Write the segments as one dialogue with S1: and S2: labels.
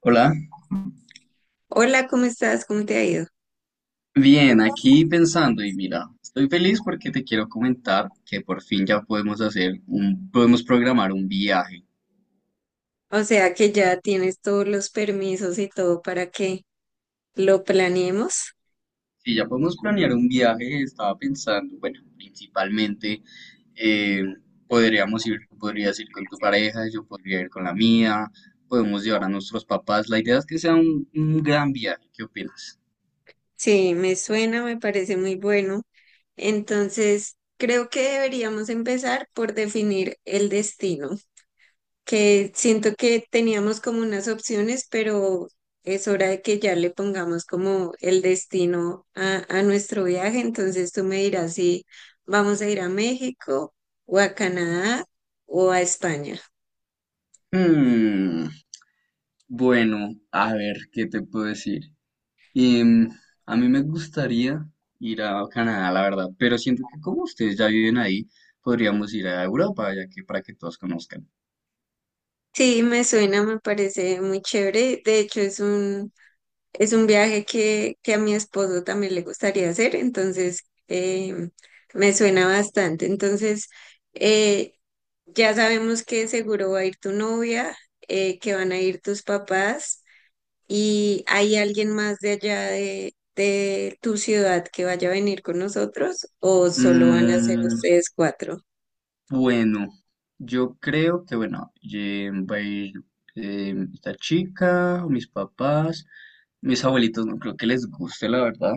S1: Hola,
S2: Hola, ¿cómo estás? ¿Cómo te ha ido?
S1: bien, aquí pensando y mira, estoy feliz porque te quiero comentar que por fin ya podemos hacer podemos programar un viaje.
S2: O sea que ya tienes todos los permisos y todo para que lo planeemos.
S1: Si ya podemos planear un viaje, estaba pensando, bueno, principalmente eh, podríamos tú podrías ir con tu pareja, yo podría ir con la mía, podemos llevar a nuestros papás. La idea es que sea un gran viaje, ¿qué opinas?
S2: Sí, me suena, me parece muy bueno. Entonces, creo que deberíamos empezar por definir el destino, que siento que teníamos como unas opciones, pero es hora de que ya le pongamos como el destino a nuestro viaje. Entonces, tú me dirás si vamos a ir a México o a Canadá o a España.
S1: Hmm, bueno, a ver, ¿qué te puedo decir? Y a mí me gustaría ir a Canadá, la verdad, pero siento que como ustedes ya viven ahí, podríamos ir a Europa, ya que para que todos conozcan.
S2: Sí, me suena, me parece muy chévere. De hecho, es un viaje que a mi esposo también le gustaría hacer, entonces me suena bastante. Entonces, eh, ya sabemos que seguro va a ir tu novia, que van a ir tus papás y hay alguien más de allá de tu ciudad que vaya a venir con nosotros o solo van a ser
S1: Mm,
S2: ustedes cuatro.
S1: bueno, yo creo que, bueno, va a ir esta chica, mis papás, mis abuelitos no creo que les guste, la verdad.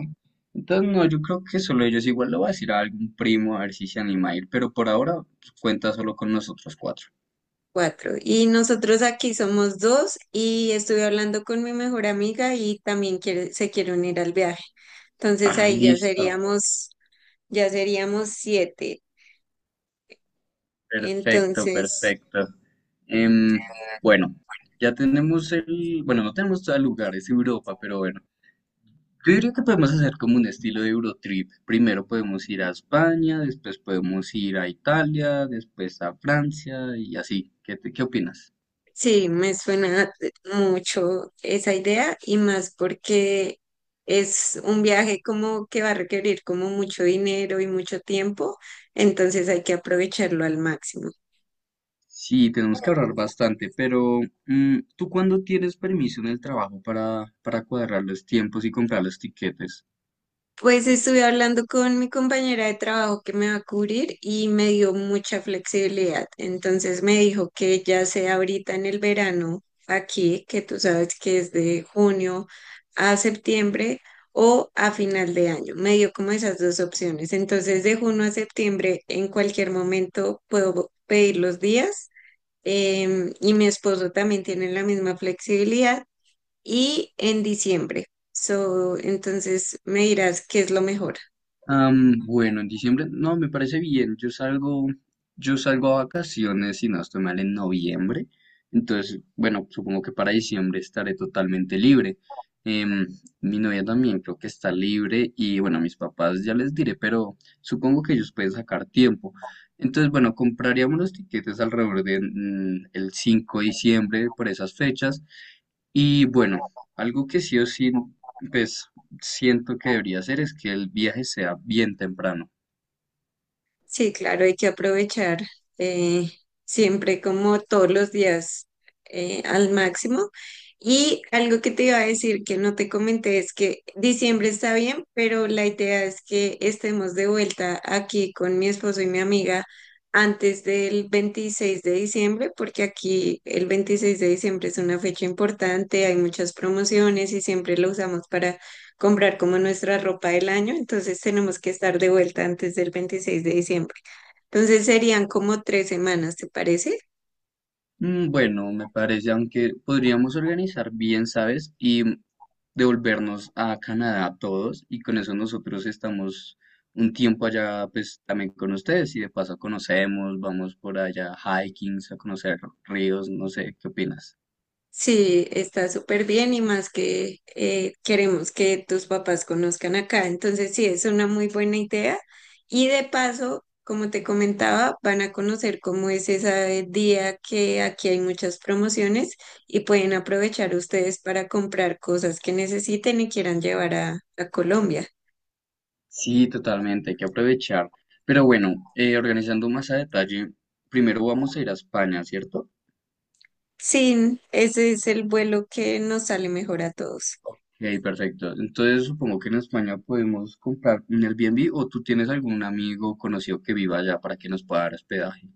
S1: Entonces, no, yo creo que solo ellos igual lo va a decir a algún primo, a ver si se anima a ir, pero por ahora pues, cuenta solo con nosotros cuatro.
S2: Cuatro. Y nosotros aquí somos dos y estuve hablando con mi mejor amiga y también se quiere unir al viaje. Entonces
S1: Ah,
S2: ahí ya
S1: listo.
S2: seríamos, ya seríamos siete.
S1: Perfecto,
S2: Entonces,
S1: perfecto. Em, bueno, ya tenemos bueno, no tenemos todo el lugar, es Europa, pero bueno, yo diría que podemos hacer como un estilo de Eurotrip. Primero podemos ir a España, después podemos ir a Italia, después a Francia y así. ¿Qué opinas?
S2: sí, me suena mucho esa idea y más porque es un viaje como que va a requerir como mucho dinero y mucho tiempo, entonces hay que aprovecharlo al máximo.
S1: Sí, tenemos que ahorrar bastante, pero ¿tú cuándo tienes permiso en el trabajo para cuadrar los tiempos y comprar los tiquetes?
S2: Pues estuve hablando con mi compañera de trabajo que me va a cubrir y me dio mucha flexibilidad. Entonces me dijo que ya sea ahorita en el verano, aquí, que tú sabes que es de junio a septiembre o a final de año. Me dio como esas dos opciones. Entonces de junio a septiembre en cualquier momento puedo pedir los días. Y mi esposo también tiene la misma flexibilidad y en diciembre. So, entonces me dirás qué es lo mejor.
S1: Am, bueno, en diciembre, no, me parece bien. Yo salgo a vacaciones, si no estoy mal, en noviembre. Entonces, bueno, supongo que para diciembre estaré totalmente libre. Em, mi novia también creo que está libre y bueno, a mis papás ya les diré, pero supongo que ellos pueden sacar tiempo. Entonces, bueno, compraríamos los tiquetes alrededor de el 5 de diciembre por esas fechas. Y bueno, algo que sí o sí, pues siento que debería hacer es que el viaje sea bien temprano.
S2: Sí, claro, hay que aprovechar eh, siempre como todos los días al máximo. Y algo que te iba a decir que no te comenté es que diciembre está bien, pero la idea es que estemos de vuelta aquí con mi esposo y mi amiga antes del 26 de diciembre, porque aquí el 26 de diciembre es una fecha importante, hay muchas promociones y siempre lo usamos para comprar como nuestra ropa del año, entonces tenemos que estar de vuelta antes del 26 de diciembre. Entonces serían como tres semanas, ¿te parece?
S1: Mm, bueno, me parece, aunque podríamos organizar bien, ¿sabes? Y devolvernos a Canadá todos y con eso nosotros estamos un tiempo allá, pues también con ustedes y de paso conocemos, vamos por allá hiking, a conocer ríos, no sé, ¿qué opinas?
S2: Sí, está súper bien y más que queremos que tus papás conozcan acá. Entonces, sí, es una muy buena idea. Y de paso, como te comentaba, van a conocer cómo es ese día que aquí hay muchas promociones y pueden aprovechar ustedes para comprar cosas que necesiten y quieran llevar a Colombia.
S1: Sí, totalmente, hay que aprovechar. Pero bueno, organizando más a detalle, primero vamos a ir a España, ¿cierto?
S2: Sí, ese es el vuelo que nos sale mejor a todos.
S1: Ok, perfecto. Entonces supongo que en España podemos comprar un Airbnb o tú tienes algún amigo o conocido que viva allá para que nos pueda dar hospedaje.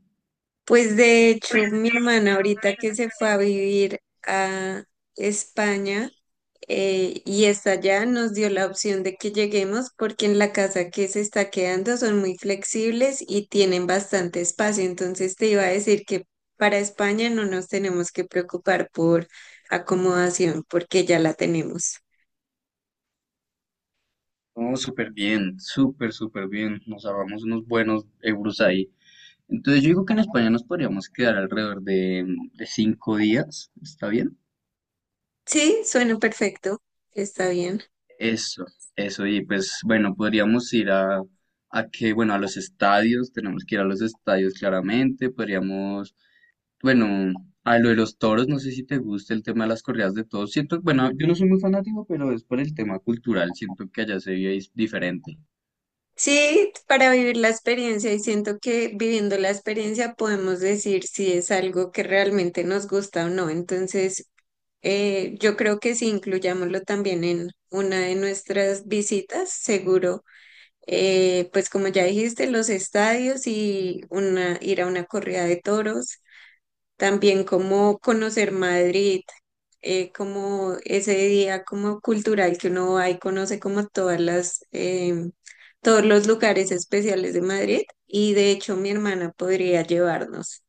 S2: Pues de hecho, mi hermana ahorita que se fue a vivir a España y está allá, nos dio la opción de que lleguemos porque en la casa que se está quedando son muy flexibles y tienen bastante espacio. Entonces te iba a decir que para España no nos tenemos que preocupar por acomodación porque ya la tenemos.
S1: No, súper bien, súper, súper bien. Nos ahorramos unos buenos euros ahí. Entonces yo digo que en España nos podríamos quedar alrededor de 5 días. ¿Está bien?
S2: Sí, suena perfecto. Está bien.
S1: Eso, eso. Y pues bueno, podríamos ir a bueno, a los estadios. Tenemos que ir a los estadios claramente. Podríamos bueno, a lo de los toros, no sé si te gusta el tema de las corridas de toros. Siento, bueno, yo no soy muy fanático, pero es por el tema cultural. Siento que allá se vive diferente.
S2: Sí, para vivir la experiencia y siento que viviendo la experiencia podemos decir si es algo que realmente nos gusta o no. Entonces, yo creo que si incluyámoslo también en una de nuestras visitas, seguro, pues como ya dijiste, los estadios y una, ir a una corrida de toros, también como conocer Madrid, como ese día como cultural que uno va y conoce como todas las, todos los lugares especiales de Madrid y de hecho mi hermana podría llevarnos.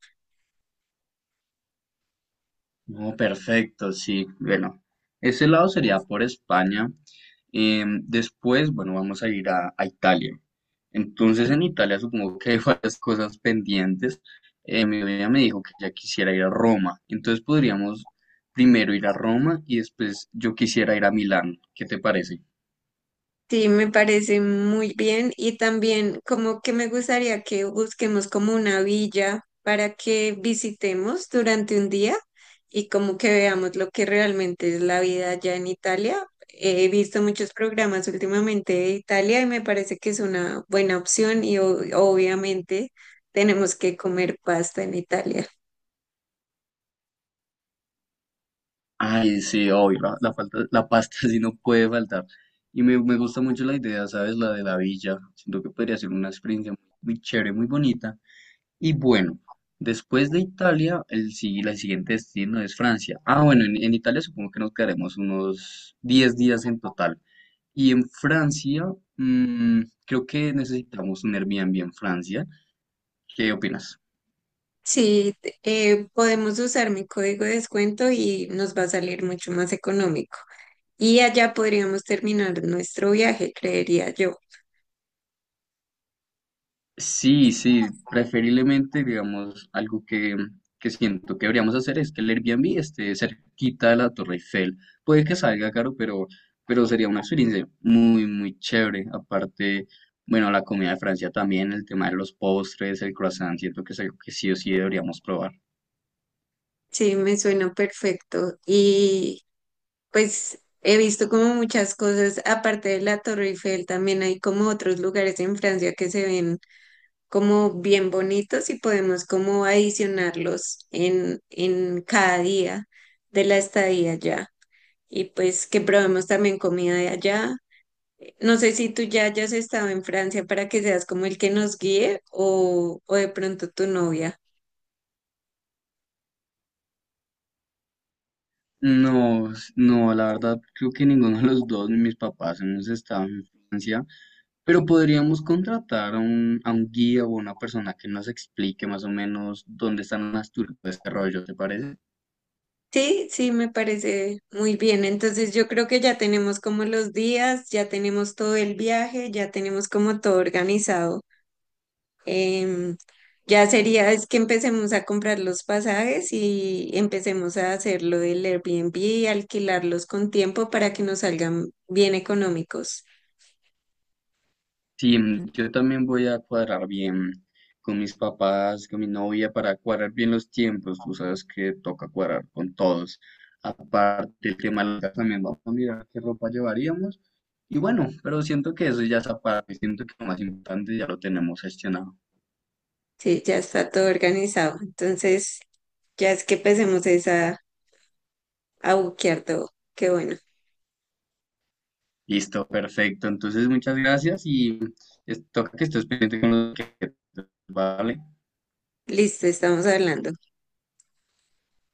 S1: No, perfecto, sí. Bueno, ese lado sería por España. Después, bueno, vamos a ir a Italia. Entonces, en Italia supongo que hay varias cosas pendientes. Mi novia me dijo que ya quisiera ir a Roma. Entonces podríamos primero ir a Roma y después yo quisiera ir a Milán. ¿Qué te parece?
S2: Sí, me parece muy bien y también como que me gustaría que busquemos como una villa para que visitemos durante un día y como que veamos lo que realmente es la vida allá en Italia. He visto muchos programas últimamente de Italia y me parece que es una buena opción y obviamente tenemos que comer pasta en Italia.
S1: Ay, sí, obvio, la pasta sí no puede faltar. Y me gusta mucho la idea, ¿sabes? La de la villa. Siento que podría ser una experiencia muy, chévere, muy bonita. Y bueno, después de Italia, el siguiente destino es Francia. Ah, bueno, en Italia supongo que nos quedaremos unos 10 días en total. Y en Francia, creo que necesitamos un Airbnb en Francia. ¿Qué opinas?
S2: Sí, podemos usar mi código de descuento y nos va a salir mucho más económico. Y allá podríamos terminar nuestro viaje, creería yo.
S1: Sí, sí, preferiblemente, digamos, algo que siento que deberíamos hacer es que el Airbnb esté cerquita de la Torre Eiffel. Puede que salga caro, pero sería una experiencia muy, muy chévere. Aparte, bueno, la comida de Francia también, el tema de los postres, el croissant, siento que es algo que sí o sí deberíamos probar.
S2: Sí, me suena perfecto. Y pues he visto como muchas cosas, aparte de la Torre Eiffel, también hay como otros lugares en Francia que se ven como bien bonitos y podemos como adicionarlos en cada día de la estadía allá. Y pues que probemos también comida de allá. No sé si tú ya hayas estado en Francia para que seas como el que nos guíe o de pronto tu novia.
S1: No, no, la verdad, creo que ninguno de los dos, mis papás hemos estado en Francia. Pero podríamos contratar a a un guía o una persona que nos explique más o menos dónde están las turbas de desarrollo, ¿te parece?
S2: Sí, sí, me parece muy bien. Entonces yo creo que ya tenemos como los días, ya tenemos todo el viaje, ya tenemos como todo organizado. Em, ya sería es que empecemos a comprar los pasajes y empecemos a hacer lo del Airbnb y alquilarlos con tiempo para que nos salgan bien económicos.
S1: Sí, mm, yo también voy a cuadrar bien con mis papás, con mi novia, para cuadrar bien los tiempos. Tú sabes que toca cuadrar con todos. Aparte, el tema de la casa, también vamos a mirar qué ropa llevaríamos. Y bueno, pero siento que eso ya es aparte, siento que lo más importante ya lo tenemos gestionado.
S2: Sí, ya está todo organizado. Entonces ya es que empecemos es a buquear todo. Qué bueno.
S1: Listo, perfecto. Entonces, muchas gracias y toca que estés pendiente con lo que... Vale.
S2: Listo, estamos hablando.